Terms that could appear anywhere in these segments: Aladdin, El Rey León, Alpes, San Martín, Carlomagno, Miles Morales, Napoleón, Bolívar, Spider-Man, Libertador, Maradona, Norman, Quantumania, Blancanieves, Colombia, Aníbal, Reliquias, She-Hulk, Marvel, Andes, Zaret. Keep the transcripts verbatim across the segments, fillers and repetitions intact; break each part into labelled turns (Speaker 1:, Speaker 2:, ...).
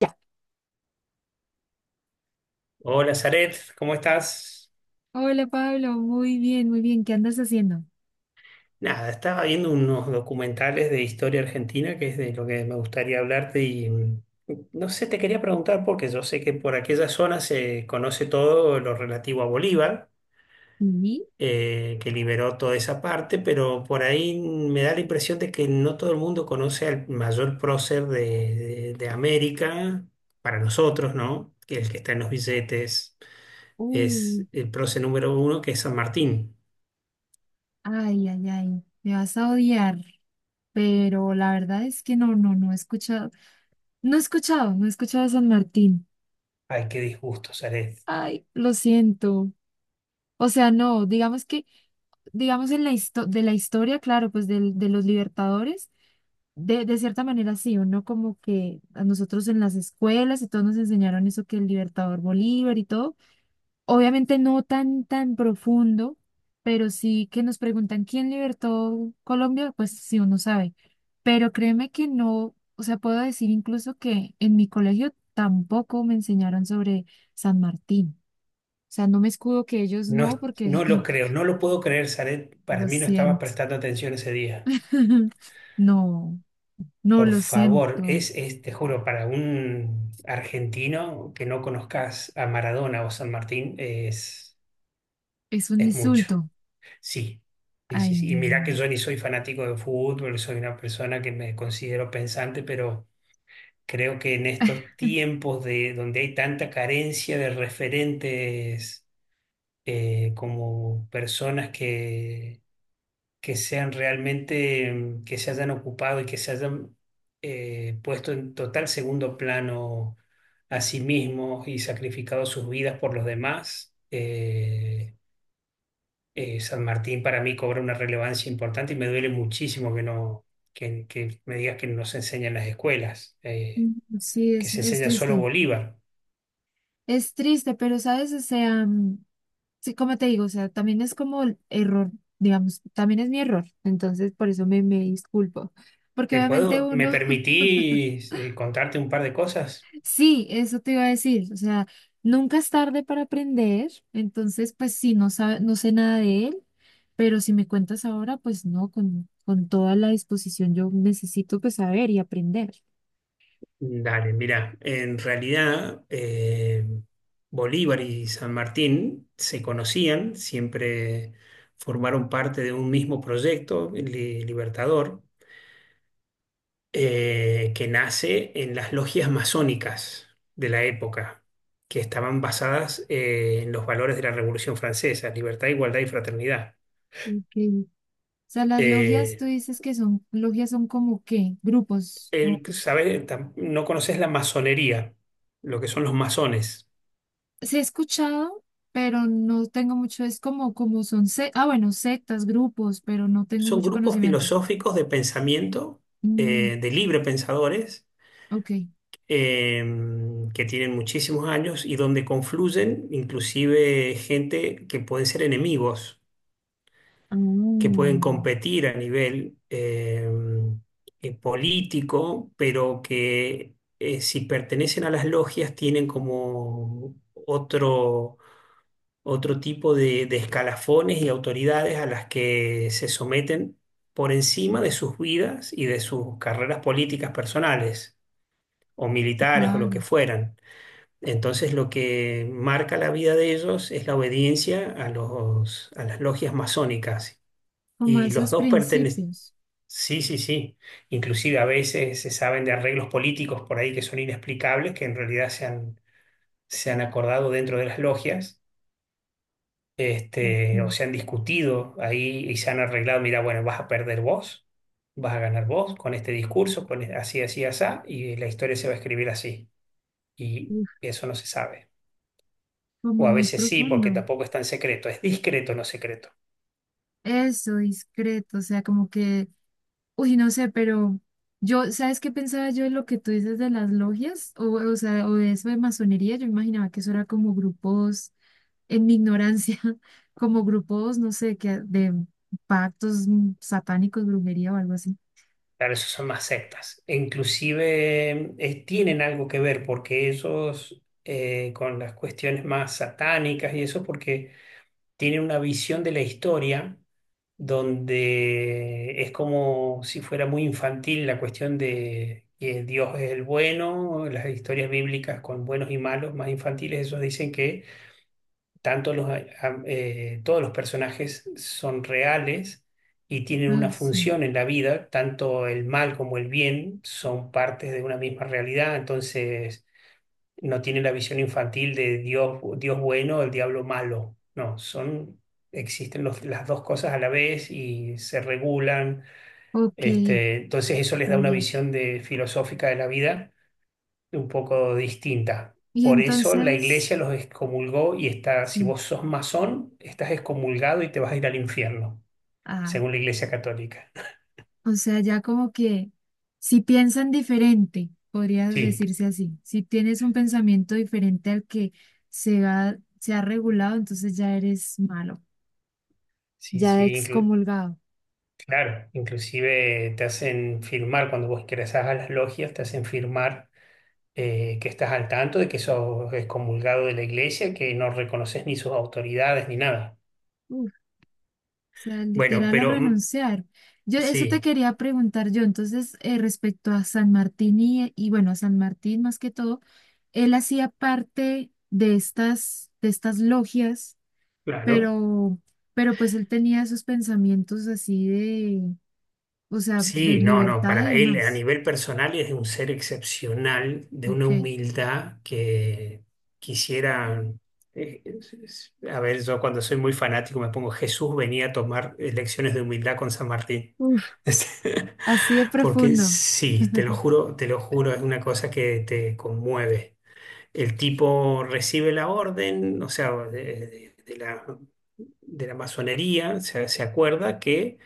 Speaker 1: Ya.
Speaker 2: Hola, Zaret, ¿cómo estás?
Speaker 1: Hola Pablo, muy bien, muy bien. ¿Qué andas haciendo?
Speaker 2: Nada, estaba viendo unos documentales de historia argentina, que es de lo que me gustaría hablarte y mm, no sé, te quería preguntar porque yo sé que por aquella zona se conoce todo lo relativo a Bolívar,
Speaker 1: Sí.
Speaker 2: eh, que liberó toda esa parte, pero por ahí me da la impresión de que no todo el mundo conoce al mayor prócer de, de- de América, para nosotros, ¿no? Que es el que está en los billetes,
Speaker 1: Uh,
Speaker 2: es el prócer número uno, que es San Martín.
Speaker 1: Ay, ay, ay, me vas a odiar, pero la verdad es que no, no, no he escuchado, no he escuchado, no he escuchado a San Martín.
Speaker 2: Ay, qué disgusto, Zaret.
Speaker 1: Ay, lo siento. O sea, no, digamos que, digamos en la histo- de la historia, claro, pues del- de los libertadores, de, de cierta manera sí, o no como que a nosotros en las escuelas y todos nos enseñaron eso que el libertador Bolívar y todo. Obviamente no tan, tan profundo, pero sí que nos preguntan quién libertó Colombia, pues sí uno sabe. Pero créeme que no, o sea, puedo decir incluso que en mi colegio tampoco me enseñaron sobre San Martín. O sea, no me escudo que ellos
Speaker 2: No, es-
Speaker 1: no, porque
Speaker 2: no lo creo, no lo puedo creer, Zaret. Para
Speaker 1: lo
Speaker 2: mí no estaba
Speaker 1: siento.
Speaker 2: prestando atención ese día.
Speaker 1: No, no
Speaker 2: Por
Speaker 1: lo
Speaker 2: favor,
Speaker 1: siento.
Speaker 2: es, es, te juro, para un argentino que no conozcas a Maradona o San Martín, es,
Speaker 1: Es un
Speaker 2: es mucho.
Speaker 1: insulto.
Speaker 2: Sí, sí,
Speaker 1: Ay,
Speaker 2: sí. Sí. Y mirá
Speaker 1: no.
Speaker 2: que yo ni soy fanático de fútbol, soy una persona que me considero pensante, pero creo que en estos tiempos de, donde hay tanta carencia de referentes eh, como personas que que sean realmente, mm, que se hayan ocupado y que se hayan eh, puesto en total segundo plano a sí mismos y sacrificado sus vidas por los demás. eh, eh, San Martín para mí cobra una relevancia importante y me duele muchísimo que no, que, que me digas que no se enseña en las escuelas, eh,
Speaker 1: Mm, Sí,
Speaker 2: que
Speaker 1: es,
Speaker 2: se
Speaker 1: es
Speaker 2: enseña solo
Speaker 1: triste.
Speaker 2: Bolívar.
Speaker 1: Es triste, pero sabes, o sea, mm, Sí, como te digo, o sea, también es como el error, digamos, también es mi error, entonces por eso me, me disculpo, porque
Speaker 2: ¿Te
Speaker 1: obviamente
Speaker 2: puedo, me
Speaker 1: uno,
Speaker 2: permitís eh, contarte un par de cosas?
Speaker 1: sí, eso te iba a decir, o sea, nunca es tarde para aprender, entonces pues sí, no sabe, no sé nada de él, pero si me cuentas ahora, pues no, con, con toda la disposición yo necesito pues saber y aprender.
Speaker 2: Dale, mira, en realidad eh, Bolívar y San Martín se conocían, siempre formaron parte de un mismo proyecto, li- Libertador, eh, que nace en las logias masónicas de la época, que estaban basadas eh, en los valores de la Revolución Francesa, libertad, igualdad y fraternidad.
Speaker 1: Ok. O sea, las logias, tú
Speaker 2: Eh,
Speaker 1: dices que son, logias son como qué, grupos, ¿no?
Speaker 2: el- ¿Sabes? Tam- No conoces la masonería, lo que son los masones.
Speaker 1: Sí he escuchado, pero no tengo mucho, es como, como son, se- ah, bueno, sectas, grupos, pero no tengo
Speaker 2: Son
Speaker 1: mucho
Speaker 2: grupos
Speaker 1: conocimientos.
Speaker 2: filosóficos de pensamiento,
Speaker 1: Mm,
Speaker 2: eh, de libre pensadores,
Speaker 1: ok.
Speaker 2: eh, que tienen muchísimos años y donde confluyen inclusive gente que pueden ser enemigos,
Speaker 1: Ah,
Speaker 2: que pueden competir a nivel eh, eh, político, pero que eh, si pertenecen a las logias tienen como otro otro tipo de, de escalafones y autoridades a las que se someten por encima de sus vidas y de sus carreras políticas personales o militares o lo que
Speaker 1: claro,
Speaker 2: fueran. Entonces lo que marca la vida de ellos es la obediencia a los, a las logias masónicas.
Speaker 1: como
Speaker 2: Y los
Speaker 1: esos
Speaker 2: dos pertenecen,
Speaker 1: principios.
Speaker 2: sí, sí, sí. Inclusive a veces se saben de arreglos políticos por ahí que son inexplicables, que en realidad se han, se han acordado dentro de las logias este, o
Speaker 1: Ok.
Speaker 2: se han discutido ahí y se han arreglado, mira, bueno, vas a perder vos, vas a ganar vos con este discurso, con e- así, así, así, y la historia se va a escribir así. Y
Speaker 1: Uf,
Speaker 2: eso no se sabe.
Speaker 1: como
Speaker 2: O a
Speaker 1: muy
Speaker 2: veces sí, porque
Speaker 1: profundo.
Speaker 2: tampoco es tan secreto, es discreto, no secreto.
Speaker 1: Eso, discreto, o sea, como que Uy, no sé, pero yo, ¿sabes qué pensaba yo de lo que tú dices de las logias? O, o sea, o de eso de masonería, yo imaginaba que eso era como grupos, en mi ignorancia, como grupos, no sé, que de pactos mm, satánicos, brujería o algo así.
Speaker 2: Claro, esos son más sectas. E inclusive eh, tienen algo que ver porque ellos, eh, con las cuestiones más satánicas y eso, porque tienen una visión de la historia donde es como si fuera muy infantil la cuestión de que Dios es el bueno, las historias bíblicas con buenos y malos, más infantiles, esos dicen que tanto los, a- a- eh, todos los personajes son reales y tienen una
Speaker 1: Ah, sí.
Speaker 2: función en la vida, tanto el mal como el bien son partes de una misma realidad, entonces no tiene la visión infantil de Dios, Dios bueno, el diablo malo. No, son, existen los- las dos cosas a la vez y se regulan.
Speaker 1: Ok,
Speaker 2: Este, entonces eso les da
Speaker 1: ya,
Speaker 2: una
Speaker 1: ya.
Speaker 2: visión de, filosófica de la vida un poco distinta.
Speaker 1: Y
Speaker 2: Por eso la
Speaker 1: entonces,
Speaker 2: iglesia los excomulgó y está, si
Speaker 1: sí.
Speaker 2: vos sos masón, estás excomulgado y te vas a ir al infierno,
Speaker 1: Ah,
Speaker 2: según la iglesia católica.
Speaker 1: o sea, ya como que si piensan diferente, podría
Speaker 2: Sí,
Speaker 1: decirse así. Si tienes un pensamiento diferente al que se ha, se ha regulado, entonces ya eres malo,
Speaker 2: sí,
Speaker 1: ya
Speaker 2: sí, inclu-
Speaker 1: excomulgado.
Speaker 2: claro, inclusive te hacen firmar, cuando vos ingresás a las logias, te hacen firmar eh, que estás al tanto de que sos excomulgado de la iglesia, que no reconoces ni sus autoridades ni nada.
Speaker 1: Uf, o sea,
Speaker 2: Bueno,
Speaker 1: literal a
Speaker 2: pero mm,
Speaker 1: renunciar. Yo eso te
Speaker 2: sí,
Speaker 1: quería preguntar yo, entonces, eh, respecto a San Martín y, y bueno, a San Martín más que todo, él hacía parte de estas, de estas logias,
Speaker 2: claro.
Speaker 1: pero, pero pues él tenía esos pensamientos así. O sea, de
Speaker 2: Sí, no, no,
Speaker 1: libertad y
Speaker 2: para él a
Speaker 1: demás.
Speaker 2: nivel personal es un ser excepcional, de una
Speaker 1: Ok.
Speaker 2: humildad que quisiera... eh, es- es- A ver, yo cuando soy muy fanático me pongo, Jesús venía a tomar eh, lecciones de humildad con San Martín.
Speaker 1: Uf, así de
Speaker 2: Porque
Speaker 1: profundo.
Speaker 2: sí, te lo juro, te lo juro, es una cosa que te conmueve. El tipo recibe la orden, o sea, de, de- de la, de la masonería, se, se acuerda que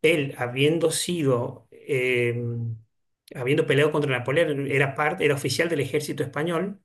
Speaker 2: él, habiendo sido, eh, habiendo peleado contra Napoleón, era parte, era oficial del ejército español.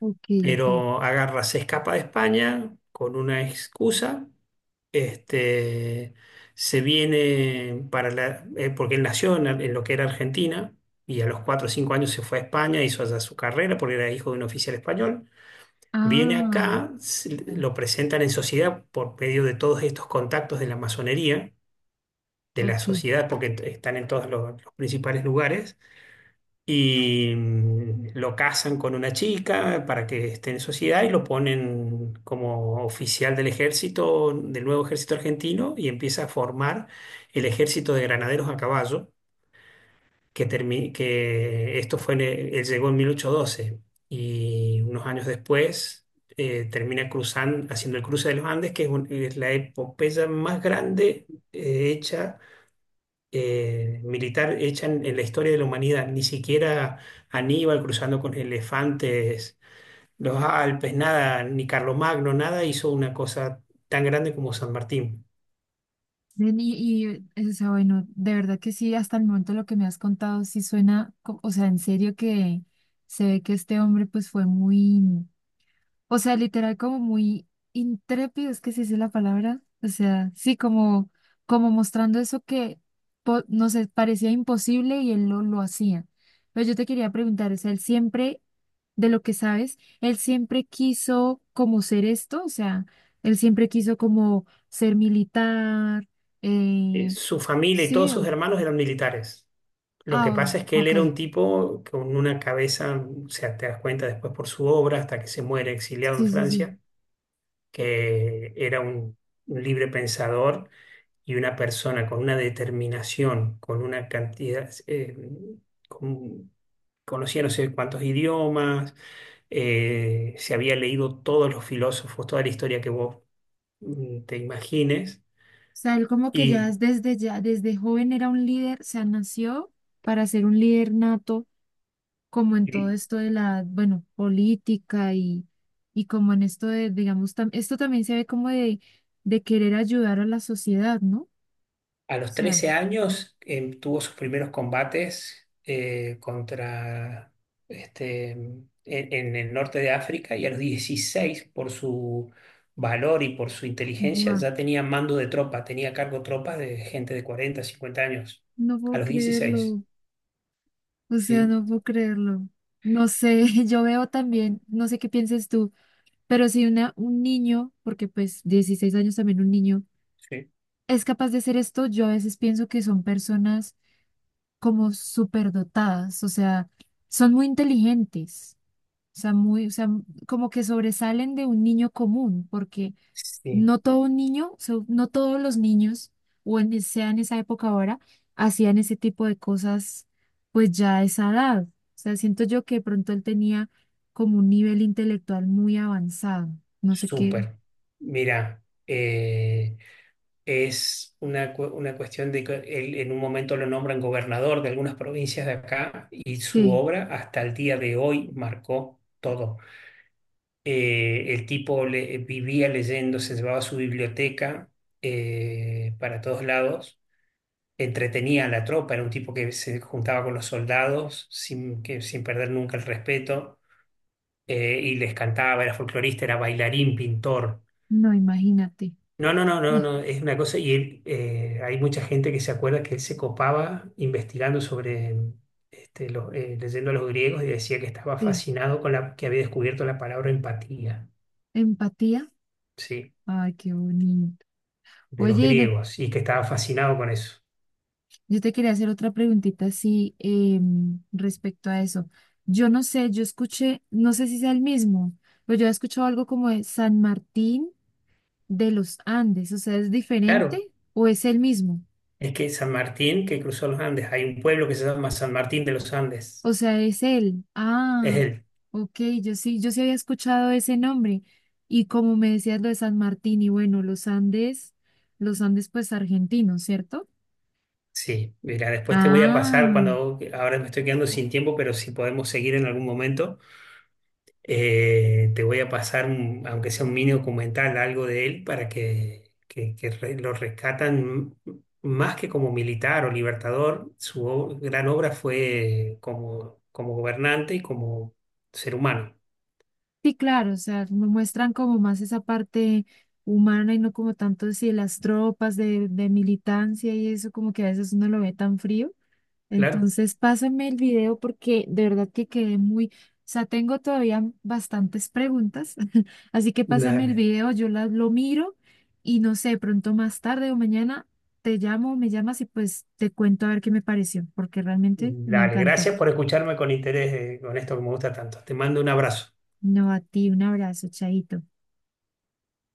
Speaker 1: Ok,
Speaker 2: Mm.
Speaker 1: ok.
Speaker 2: Pero agarra, se escapa de España con una excusa, este, se viene para la, eh, porque él nació en, en lo que era Argentina. Y a los cuatro o cinco años se fue a España, hizo allá su carrera porque era hijo de un oficial español. Viene
Speaker 1: Ah,
Speaker 2: acá, se-
Speaker 1: ya,
Speaker 2: lo presentan en sociedad por medio de todos estos contactos de la masonería, de la
Speaker 1: ok.
Speaker 2: sociedad, porque t- están en todos los, los principales lugares, y mm, lo casan con una chica para que esté en sociedad y lo ponen como oficial del ejército, del nuevo ejército argentino, y empieza a formar el ejército de granaderos a caballo que, termi- que esto fue, en el- él llegó en mil ochocientos doce y unos años después eh, termina cruzando, haciendo el cruce de los Andes, que es, un- es la epopeya más grande eh, hecha, eh, militar, hecha en, en la historia de la humanidad. Ni siquiera Aníbal cruzando con elefantes, los Alpes, nada, ni Carlomagno, nada hizo una cosa tan grande como San Martín.
Speaker 1: Ven, Y, y, eh, o sea, bueno, de verdad que sí, hasta el momento lo que me has contado sí suena, co- o sea, en serio que se ve que este hombre pues fue muy, O sea, literal como muy intrépido, es que se dice la palabra. O sea, sí, como, como mostrando eso que po- no sé, parecía imposible y él lo, lo hacía. Pero yo te quería preguntar, o sea, él siempre, de lo que sabes, él siempre quiso como ser esto, o sea, él siempre quiso como ser militar,
Speaker 2: Eh,
Speaker 1: eh,
Speaker 2: Su familia y todos
Speaker 1: sí,
Speaker 2: sus
Speaker 1: o-
Speaker 2: hermanos eran militares. Lo
Speaker 1: ah,
Speaker 2: que pasa es que
Speaker 1: o-
Speaker 2: él
Speaker 1: ok,
Speaker 2: era un tipo con una cabeza, o sea, te das cuenta después por su obra, hasta que se muere exiliado en
Speaker 1: sí, sí, sí.
Speaker 2: Francia, que era un, un libre pensador y una persona con una determinación, con una cantidad, eh, con- conocía no sé cuántos idiomas, eh, se había leído todos los filósofos, toda la historia que vos mm, te imagines,
Speaker 1: Sea, él como que ya
Speaker 2: y
Speaker 1: es desde ya, desde joven era un líder, o sea, nació para ser un líder nato, como en todo esto de la, bueno, política y, y como en esto de, digamos, tam- esto también se ve como de, de querer ayudar a la sociedad, ¿no? O
Speaker 2: a los
Speaker 1: sea,
Speaker 2: trece años em, tuvo sus primeros combates eh, contra este, en, en el norte de África y a los dieciséis por su valor y por su inteligencia,
Speaker 1: wow,
Speaker 2: ya tenía mando de tropa, tenía a cargo tropas de gente de cuarenta cincuenta años.
Speaker 1: no
Speaker 2: A
Speaker 1: puedo
Speaker 2: los dieciséis.
Speaker 1: creerlo, o sea,
Speaker 2: Sí,
Speaker 1: no puedo creerlo. No sé, yo veo también, no sé qué pienses tú, pero si una, un niño, porque pues dieciséis años también un niño,
Speaker 2: sí.
Speaker 1: es capaz de hacer esto, yo a veces pienso que son personas como superdotadas, o sea, son muy inteligentes, o sea, muy, o sea, como que sobresalen de un niño común, porque
Speaker 2: Sí,
Speaker 1: no todo niño, so- no todos los niños, o en, sea en esa época ahora, hacían ese tipo de cosas, pues ya a esa edad. O sea, siento yo que de pronto él tenía como un nivel intelectual muy avanzado, no sé qué,
Speaker 2: súper. Mira, eh, es una, cu- una cuestión de que él en un momento lo nombran gobernador de algunas provincias de acá y su
Speaker 1: sí,
Speaker 2: obra hasta el día de hoy marcó todo. Eh, el tipo le- vivía leyendo, se llevaba su biblioteca eh, para todos lados, entretenía a la tropa, era un tipo que se juntaba con los soldados sin, que, sin perder nunca el respeto eh, y les cantaba, era folclorista, era bailarín, pintor.
Speaker 1: no, imagínate,
Speaker 2: No, no, no, no,
Speaker 1: no,
Speaker 2: no, es una cosa, y él, eh, hay mucha gente que se acuerda que él se copaba investigando sobre, este, los, eh, leyendo a los griegos y decía que estaba
Speaker 1: sí,
Speaker 2: fascinado con la, que había descubierto la palabra empatía,
Speaker 1: empatía,
Speaker 2: ¿sí?
Speaker 1: ay, qué bonito.
Speaker 2: De los
Speaker 1: Oye,
Speaker 2: griegos, y que estaba fascinado con eso.
Speaker 1: yo te quería hacer otra preguntita, así em, respecto a eso. Yo no sé, yo escuché, no sé si sea el mismo, pero yo he escuchado algo como de San Martín de los Andes, o sea, ¿es diferente
Speaker 2: Claro,
Speaker 1: o es el mismo?
Speaker 2: es que San Martín, que cruzó los Andes, hay un pueblo que se llama San Martín de los Andes,
Speaker 1: O sea, es él.
Speaker 2: es
Speaker 1: Ah,
Speaker 2: él.
Speaker 1: ok, yo sí, yo sí había escuchado ese nombre. Y como me decías lo de San Martín, y bueno, los Andes, los Andes pues argentinos, ¿cierto?
Speaker 2: Sí, mira, después te voy a pasar
Speaker 1: Ah.
Speaker 2: cuando, ahora me estoy quedando sin tiempo, pero si podemos seguir en algún momento. Eh, te voy a pasar, un- aunque sea un mini documental, algo de él para que, que- que re- lo rescatan m- más que como militar o libertador. Su o- gran obra fue como, como gobernante y como ser humano.
Speaker 1: Sí, claro, o sea, me muestran como más esa parte humana y no como tanto si las tropas de, de militancia y eso, como que a veces uno lo ve tan frío.
Speaker 2: Claro.
Speaker 1: Entonces, pásame el video porque de verdad que quedé muy, o sea, tengo todavía bastantes preguntas, así que pásame el
Speaker 2: Dale.
Speaker 1: video, yo las lo miro y no sé, pronto más tarde o mañana te llamo, me llamas y pues te cuento a ver qué me pareció, porque realmente me
Speaker 2: Dale.
Speaker 1: encantó.
Speaker 2: Gracias por escucharme con interés, eh, con esto que me gusta tanto. Te mando un abrazo.
Speaker 1: No, a ti, un abrazo, chaito.